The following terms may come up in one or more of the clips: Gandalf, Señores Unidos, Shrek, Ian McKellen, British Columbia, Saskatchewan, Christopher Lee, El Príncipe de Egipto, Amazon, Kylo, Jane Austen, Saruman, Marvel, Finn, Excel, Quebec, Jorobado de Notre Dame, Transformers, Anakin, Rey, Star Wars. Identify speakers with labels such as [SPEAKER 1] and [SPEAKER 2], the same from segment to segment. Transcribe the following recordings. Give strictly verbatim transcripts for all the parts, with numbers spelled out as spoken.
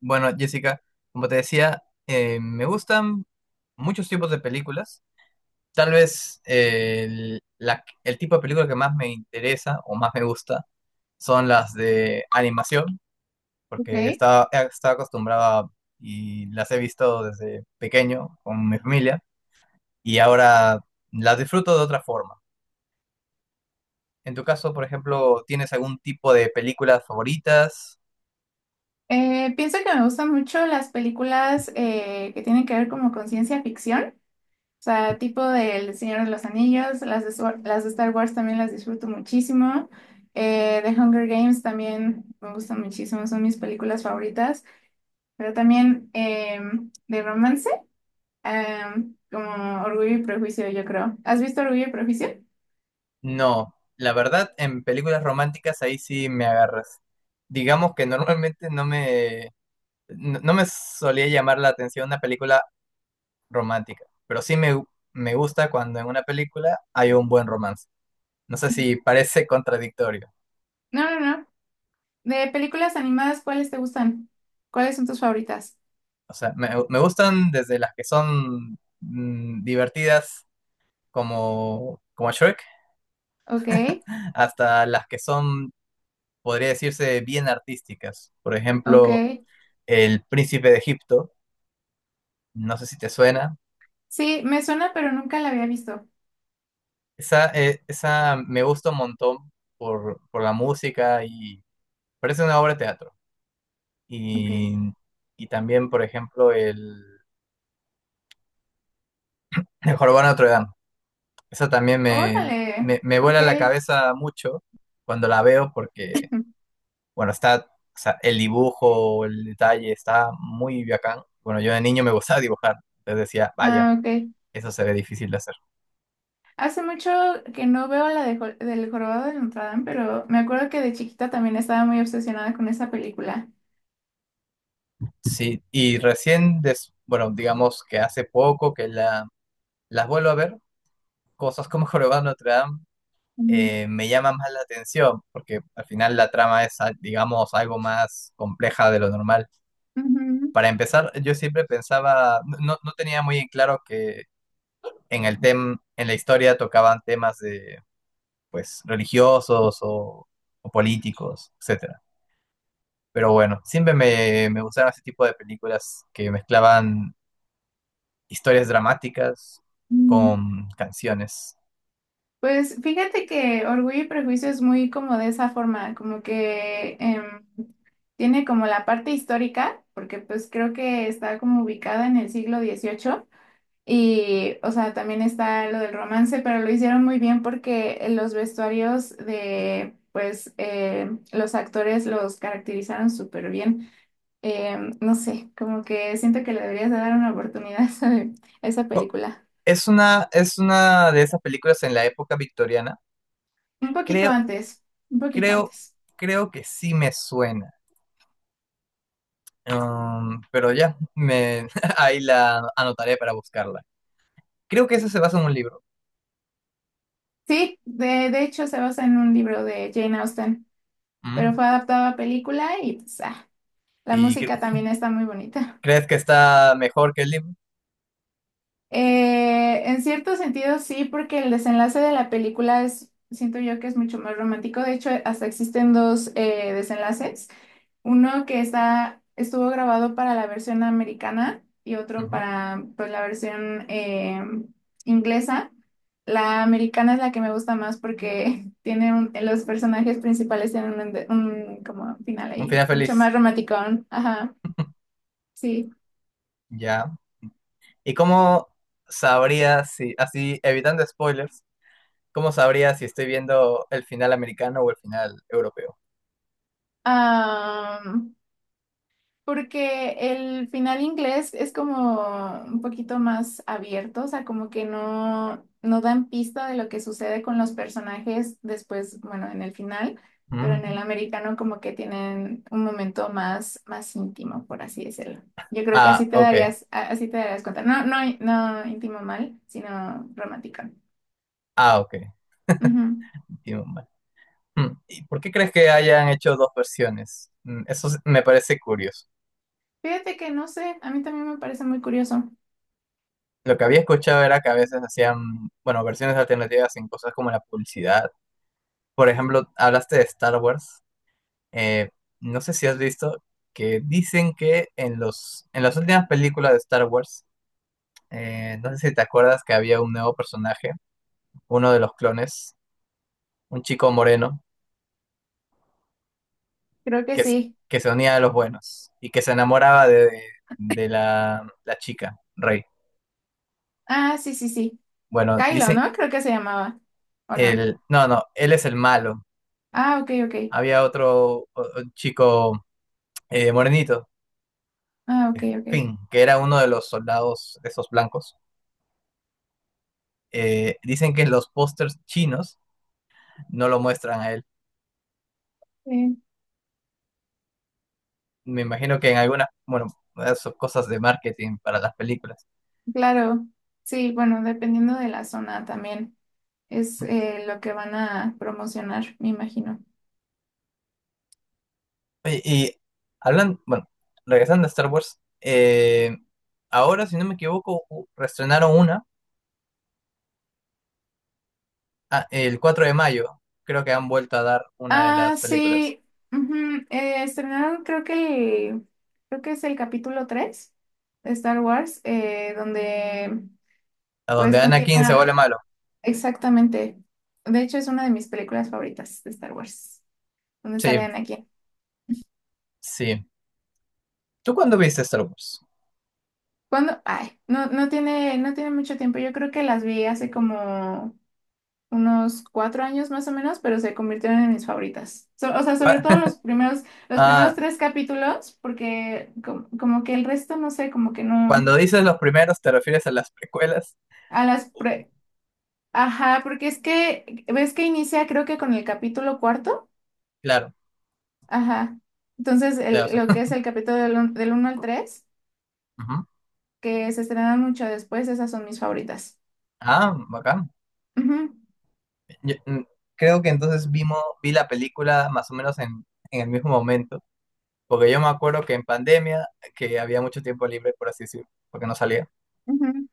[SPEAKER 1] Bueno, Jessica, como te decía, eh, me gustan muchos tipos de películas. Tal vez eh, el, la- el tipo de película que más me interesa o más me gusta son las de animación, porque
[SPEAKER 2] Ok.
[SPEAKER 1] estaba, eh, estaba acostumbrado a- y las he visto desde pequeño con mi familia y ahora las disfruto de otra forma. En tu caso, por ejemplo, ¿tienes algún tipo de películas favoritas?
[SPEAKER 2] Eh, pienso que me gustan mucho las películas eh, que tienen que ver como con ciencia ficción, o sea, tipo del Señor de los Anillos, las de, Swar- las de Star Wars también las disfruto muchísimo, eh, The Hunger Games también me gustan muchísimo, son mis películas favoritas, pero también eh, de romance, em, como Orgullo y Prejuicio, yo creo. ¿Has visto Orgullo y Prejuicio?
[SPEAKER 1] No, la verdad, en películas románticas ahí sí me agarras. Digamos que normalmente no me, no, no me solía llamar la atención una película romántica, pero sí me, me gusta cuando en una película hay un buen romance. No sé si parece contradictorio.
[SPEAKER 2] No, no, no. De películas animadas, ¿cuáles te gustan? ¿Cuáles son tus favoritas?
[SPEAKER 1] O sea, me, me gustan desde las que son mm, divertidas como, como Shrek,
[SPEAKER 2] Ok,
[SPEAKER 1] hasta las que son, podría decirse, bien artísticas. Por ejemplo,
[SPEAKER 2] ok.
[SPEAKER 1] El Príncipe de Egipto. No sé si te suena.
[SPEAKER 2] Sí, me suena, pero nunca la había visto.
[SPEAKER 1] Esa, eh, esa me gusta un montón por, por la música y parece una obra de teatro.
[SPEAKER 2] Ok.
[SPEAKER 1] Y, y también, por ejemplo, el, el Jorobado de Notre Dame. Esa también me,
[SPEAKER 2] Órale.
[SPEAKER 1] me, me
[SPEAKER 2] Ok.
[SPEAKER 1] vuela la cabeza mucho cuando la veo porque, bueno, está, o sea, el dibujo, el detalle está muy bacán. Bueno, yo de niño me gustaba dibujar. Entonces decía, vaya,
[SPEAKER 2] Ah, ok.
[SPEAKER 1] eso se ve difícil de hacer.
[SPEAKER 2] Hace mucho que no veo la de Jo- del Jorobado de Notre Dame, pero me acuerdo que de chiquita también estaba muy obsesionada con esa película.
[SPEAKER 1] Sí, y recién, des- bueno, digamos que hace poco que la, las vuelvo a ver cosas como Jorobado de Notre Dame
[SPEAKER 2] Mm.
[SPEAKER 1] eh, me llaman más la atención, porque al final la trama es, ah, digamos, algo más compleja de lo normal.
[SPEAKER 2] Ujú.
[SPEAKER 1] Para empezar, yo siempre pensaba, no, no no tenía muy en claro que en el tem, en la historia tocaban temas de, pues, religiosos o, o políticos, etcétera. Pero bueno, siempre me, me gustaron ese tipo de películas que mezclaban historias dramáticas
[SPEAKER 2] Mm.
[SPEAKER 1] con canciones.
[SPEAKER 2] Pues fíjate que Orgullo y Prejuicio es muy como de esa forma, como que em, tiene como la parte histórica, porque pues creo que está como ubicada en el siglo dieciocho. Y, o sea, también está lo del romance, pero lo hicieron muy bien porque los vestuarios de, pues, eh, los actores los caracterizaron súper bien. Eh, no sé, como que siento que le deberías de dar una oportunidad a esa, a esa
[SPEAKER 1] ¿Cu-
[SPEAKER 2] película.
[SPEAKER 1] Es una, es una de esas películas en la época victoriana.
[SPEAKER 2] Un poquito
[SPEAKER 1] Creo,
[SPEAKER 2] antes, un poquito
[SPEAKER 1] creo,
[SPEAKER 2] antes.
[SPEAKER 1] creo que sí me suena. Um, pero ya, me, ahí la anotaré para buscarla. Creo que eso se basa en un libro.
[SPEAKER 2] Sí, de, de hecho se basa en un libro de Jane Austen, pero
[SPEAKER 1] Mm.
[SPEAKER 2] fue adaptado a película y, pues, ah, la
[SPEAKER 1] ¿Y cre-
[SPEAKER 2] música también está muy bonita.
[SPEAKER 1] crees que está mejor que el libro?
[SPEAKER 2] Eh, en cierto sentido sí, porque el desenlace de la película es, siento yo que es mucho más romántico. De hecho, hasta existen dos eh, desenlaces. Uno que está, estuvo grabado para la versión americana y otro
[SPEAKER 1] Ujú.
[SPEAKER 2] para pues, la versión eh, inglesa. La americana es la que me gusta más porque tiene un- los personajes principales tienen un, un como final
[SPEAKER 1] Un
[SPEAKER 2] ahí,
[SPEAKER 1] final
[SPEAKER 2] mucho
[SPEAKER 1] feliz.
[SPEAKER 2] más romántico. Ajá, sí.
[SPEAKER 1] Ya. ¿Y cómo sabría si, así, evitando spoilers, cómo sabría si estoy viendo el final americano o el final europeo?
[SPEAKER 2] Porque el final inglés es como un poquito más abierto, o sea, como que no, no dan pista de lo que sucede con los personajes después, bueno, en el final, pero en
[SPEAKER 1] Mm.
[SPEAKER 2] el americano como que tienen un momento más, más íntimo, por así decirlo. Yo creo que así
[SPEAKER 1] Ah,
[SPEAKER 2] te
[SPEAKER 1] ok.
[SPEAKER 2] darías, a- así te darías cuenta. No, no, no íntimo mal, sino romántico.
[SPEAKER 1] Ah, ok.
[SPEAKER 2] Ujú.
[SPEAKER 1] Tiene un- Mm, ¿y por qué crees que hayan hecho dos versiones? Mm, eso s- me parece curioso.
[SPEAKER 2] Fíjate que no sé, a mí también me parece muy curioso.
[SPEAKER 1] Lo que había escuchado era que a veces hacían, bueno, versiones alternativas en cosas como la publicidad. Por ejemplo, hablaste de Star Wars. Eh, no sé si has visto que dicen que en los, en las últimas películas de Star Wars, eh, no sé si te acuerdas que había un nuevo personaje, uno de los clones, un chico moreno,
[SPEAKER 2] Creo que
[SPEAKER 1] que, s-
[SPEAKER 2] sí.
[SPEAKER 1] que se unía a los buenos y que se enamoraba de, de la, la chica, Rey.
[SPEAKER 2] Ah, sí, sí, sí.
[SPEAKER 1] Bueno,
[SPEAKER 2] Kylo,
[SPEAKER 1] dicen,
[SPEAKER 2] ¿no? Creo que se llamaba, ¿o no?
[SPEAKER 1] el, no, no, él es el malo.
[SPEAKER 2] Ah, ok, ok.
[SPEAKER 1] Había otro o- o chico eh, morenito,
[SPEAKER 2] Ah,
[SPEAKER 1] eh,
[SPEAKER 2] ok, ok.
[SPEAKER 1] Finn, que era uno de los soldados esos blancos. Eh, dicen que los pósters chinos no lo muestran a él.
[SPEAKER 2] Eh,
[SPEAKER 1] Me imagino que en algunas, bueno, esas son cosas de marketing para las películas.
[SPEAKER 2] claro, sí, bueno, dependiendo de la zona también es eh, lo que van a promocionar, me imagino.
[SPEAKER 1] Oye, y, hablan, bueno, regresando a Star Wars, eh, ahora, si no me equivoco, u- reestrenaron una ah, el cuatro de mayo. Creo que han vuelto a dar una de
[SPEAKER 2] Ah,
[SPEAKER 1] las películas,
[SPEAKER 2] sí. Ujú, eh, estrenaron, creo que, el- creo que es el capítulo tres de Star Wars, eh, donde
[SPEAKER 1] a
[SPEAKER 2] pues
[SPEAKER 1] donde Anakin se
[SPEAKER 2] continúa
[SPEAKER 1] vuelve malo.
[SPEAKER 2] exactamente. De hecho, es una de mis películas favoritas de Star Wars, donde sale
[SPEAKER 1] Sí,
[SPEAKER 2] Anakin.
[SPEAKER 1] sí. ¿Tú cuándo viste Star Wars?
[SPEAKER 2] ¿Cuándo? Ay, no, no tiene, no tiene mucho tiempo. Yo creo que las vi hace como unos cuatro años más o menos, pero se convirtieron en mis favoritas. So- o sea, sobre
[SPEAKER 1] Cu-
[SPEAKER 2] todo los primeros, los primeros,
[SPEAKER 1] Ah,
[SPEAKER 2] tres capítulos, porque com- como que el resto, no sé, como que no,
[SPEAKER 1] cuando dices los primeros, ¿te refieres a las precuelas?
[SPEAKER 2] a las pre- ajá, porque es que, ves que inicia creo que con el capítulo cuarto,
[SPEAKER 1] Claro,
[SPEAKER 2] ajá. Entonces, el-
[SPEAKER 1] claro.
[SPEAKER 2] lo que es el capítulo del, un- del uno al tres
[SPEAKER 1] Ujú.
[SPEAKER 2] que se estrenan mucho después, esas son mis favoritas.
[SPEAKER 1] Ah, bacán.
[SPEAKER 2] Ujú,
[SPEAKER 1] Yo, mm, creo que entonces vimos, vi la película más o menos en, en el mismo momento, porque yo me acuerdo que en pandemia, que había mucho tiempo libre, por así decirlo, porque no salía,
[SPEAKER 2] ujú.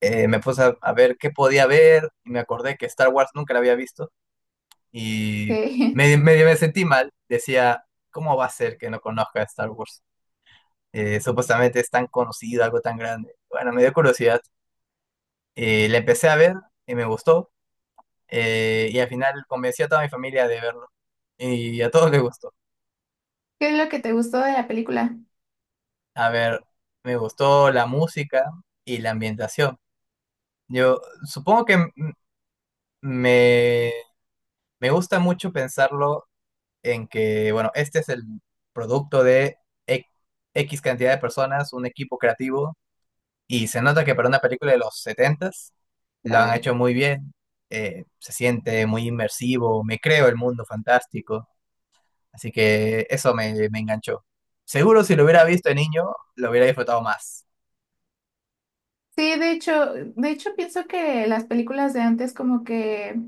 [SPEAKER 1] eh, me puse a, a ver qué podía ver y me acordé que Star Wars nunca la había visto y
[SPEAKER 2] ¿Qué,
[SPEAKER 1] medio, medio me sentí mal. Decía, ¿cómo va a ser que no conozca Star Wars? eh, supuestamente es tan conocido, algo tan grande. Bueno, me dio curiosidad. Eh, la empecé a ver y me gustó. eh, y al final convencí a toda mi familia de verlo. Y a todos les gustó.
[SPEAKER 2] ¿qué es lo que te gustó de la película?
[SPEAKER 1] A ver, me gustó la música y la ambientación. Yo supongo que m- me, me gusta mucho pensarlo en que, bueno, este es el producto de e- X cantidad de personas, un equipo creativo. Y se nota que para una película de los setentas s lo han
[SPEAKER 2] Claro.
[SPEAKER 1] hecho muy bien. eh, se siente muy inmersivo, me creo el mundo fantástico. Así que eso me, me enganchó. Seguro si lo hubiera visto de niño, lo hubiera disfrutado más.
[SPEAKER 2] Sí, de hecho, de hecho pienso que las películas de antes como que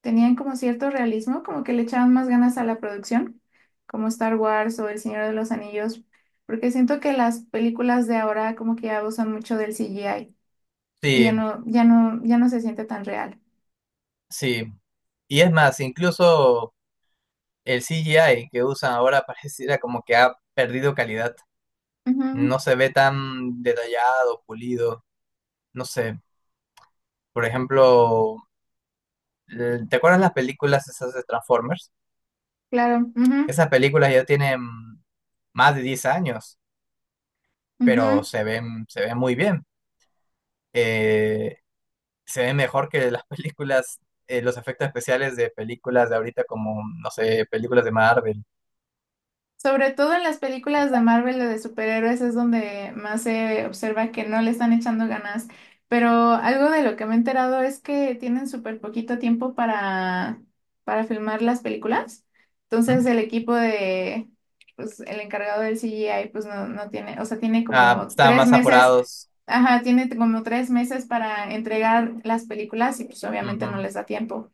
[SPEAKER 2] tenían como cierto realismo, como que le echaban más ganas a la producción, como Star Wars o El Señor de los Anillos, porque siento que las películas de ahora como que ya usan mucho del C G I y
[SPEAKER 1] Sí,
[SPEAKER 2] ya no, ya no, ya no se siente tan real.
[SPEAKER 1] sí. Y es más, incluso el C G I que usan ahora pareciera como que ha perdido calidad.
[SPEAKER 2] Ujú,
[SPEAKER 1] No se ve tan detallado, pulido. No sé. Por ejemplo, ¿te acuerdas las películas esas de Transformers?
[SPEAKER 2] claro. Ujú,
[SPEAKER 1] Esas películas ya tienen más de diez años, pero
[SPEAKER 2] ujú.
[SPEAKER 1] se ven, se ven muy bien. Eh, se ven mejor que las películas, eh, los efectos especiales de películas de ahorita como, mm, no sé, películas de Marvel.
[SPEAKER 2] Sobre todo en las películas de Marvel o de superhéroes es donde más se observa que no le están echando ganas. Pero algo de lo que me he enterado es que tienen súper poquito tiempo para, para, filmar las películas. Entonces
[SPEAKER 1] ¿Mm?
[SPEAKER 2] el equipo de, pues el encargado del C G I, pues no, no tiene, o sea, tiene
[SPEAKER 1] Ah,
[SPEAKER 2] como
[SPEAKER 1] están
[SPEAKER 2] tres
[SPEAKER 1] más
[SPEAKER 2] meses,
[SPEAKER 1] apurados.
[SPEAKER 2] ajá, tiene como tres meses para entregar las películas y pues obviamente no
[SPEAKER 1] Ujú.
[SPEAKER 2] les da tiempo.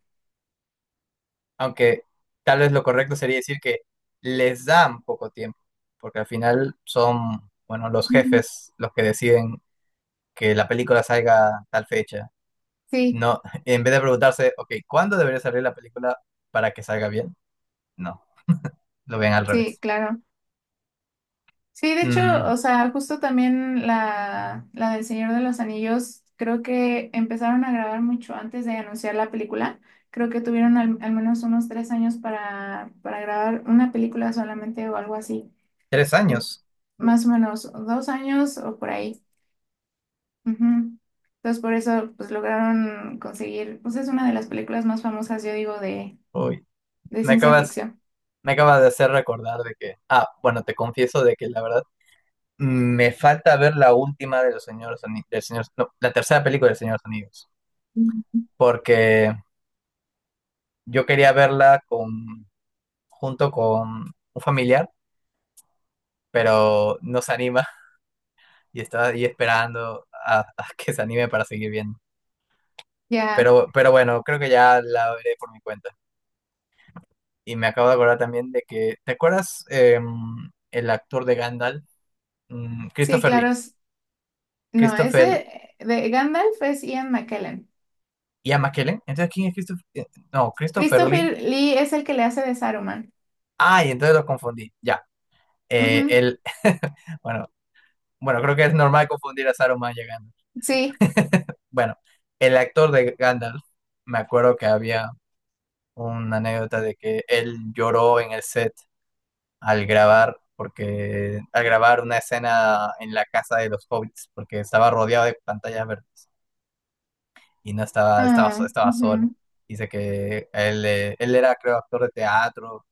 [SPEAKER 1] Aunque tal vez lo correcto sería decir que les dan poco tiempo, porque al final son, bueno, los
[SPEAKER 2] Ujú.
[SPEAKER 1] jefes los que deciden que la película salga tal fecha.
[SPEAKER 2] Sí,
[SPEAKER 1] No, en vez de preguntarse, ok, ¿cuándo debería salir la película para que salga bien? No, lo ven al
[SPEAKER 2] sí,
[SPEAKER 1] revés.
[SPEAKER 2] claro. Sí, de hecho,
[SPEAKER 1] Mm,
[SPEAKER 2] o sea, justo también la, la del Señor de los Anillos, creo que empezaron a grabar mucho antes de anunciar la película. Creo que tuvieron al, al menos unos tres años para, para grabar una película solamente o algo así.
[SPEAKER 1] tres
[SPEAKER 2] En-
[SPEAKER 1] años.
[SPEAKER 2] más o menos dos años o por ahí. Ujú. Entonces, por eso, pues lograron conseguir, pues es una de las películas más famosas, yo digo, de,
[SPEAKER 1] Uy,
[SPEAKER 2] de
[SPEAKER 1] me
[SPEAKER 2] ciencia
[SPEAKER 1] acabas,
[SPEAKER 2] ficción.
[SPEAKER 1] me acabas de hacer recordar de que, ah, bueno, te confieso de que la verdad me falta ver la última de los señores Ani- del señor, no, la tercera película de Señores Unidos,
[SPEAKER 2] Mm.
[SPEAKER 1] porque yo quería verla con, junto con un familiar, pero no se anima y estaba ahí esperando a, a que se anime para seguir viendo.
[SPEAKER 2] Ya,
[SPEAKER 1] Pero, pero bueno, creo que ya la veré por mi cuenta. Y me acabo de acordar también de que, ¿te acuerdas em, el actor de Gandalf? Mm,
[SPEAKER 2] sí,
[SPEAKER 1] Christopher
[SPEAKER 2] claro.
[SPEAKER 1] Lee.
[SPEAKER 2] es- No,
[SPEAKER 1] Christopher
[SPEAKER 2] ese eh, de Gandalf es Ian McKellen.
[SPEAKER 1] Ian McKellen. Entonces, ¿quién es Christopher? eh, No, Christopher Lee.
[SPEAKER 2] Christopher Lee es el que le hace de Saruman.
[SPEAKER 1] Ay, entonces lo confundí. Ya. Eh,
[SPEAKER 2] Ujú,
[SPEAKER 1] él, bueno, bueno, creo que es normal confundir a Saruman llegando.
[SPEAKER 2] sí.
[SPEAKER 1] Bueno, el actor de Gandalf, me acuerdo que había una anécdota de que él lloró en el set al grabar, porque al grabar una escena en la casa de los hobbits, porque estaba rodeado de pantallas verdes y no estaba, estaba,
[SPEAKER 2] Ah,
[SPEAKER 1] so- estaba solo.
[SPEAKER 2] ujú,
[SPEAKER 1] Dice que él, eh, él era, creo, actor de teatro,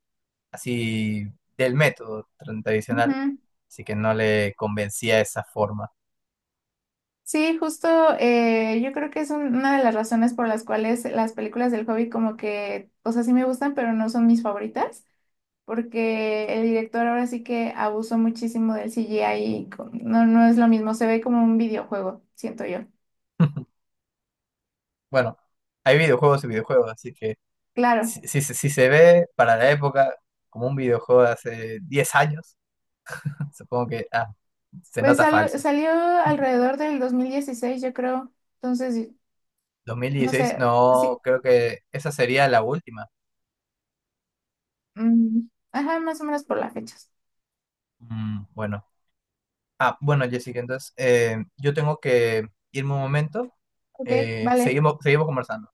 [SPEAKER 1] así del método tra- tradicional,
[SPEAKER 2] ujú.
[SPEAKER 1] así que no le convencía esa forma.
[SPEAKER 2] Sí, justo eh, yo creo que es un- una de las razones por las cuales las películas del Hobbit como que, o sea, sí me gustan, pero no son mis favoritas, porque el director ahora sí que abusó muchísimo del C G I y co- no, no es lo mismo, se ve como un videojuego, siento yo.
[SPEAKER 1] Bueno, hay videojuegos y videojuegos, así que
[SPEAKER 2] Claro,
[SPEAKER 1] si, si se si se ve para la época como un videojuego de hace diez años, supongo que ah, se
[SPEAKER 2] pues
[SPEAKER 1] nota
[SPEAKER 2] salo-
[SPEAKER 1] falso.
[SPEAKER 2] salió alrededor del dos mil dieciséis, yo creo, entonces,
[SPEAKER 1] dos mil
[SPEAKER 2] no
[SPEAKER 1] dieciséis
[SPEAKER 2] sé. Sí,
[SPEAKER 1] no, creo que esa sería la última.
[SPEAKER 2] mm, ajá, más o menos por las fechas.
[SPEAKER 1] Mm, bueno. Ah, bueno, Jessica, entonces eh, yo tengo que irme un momento.
[SPEAKER 2] Ok,
[SPEAKER 1] Eh,
[SPEAKER 2] vale.
[SPEAKER 1] seguimos, seguimos conversando.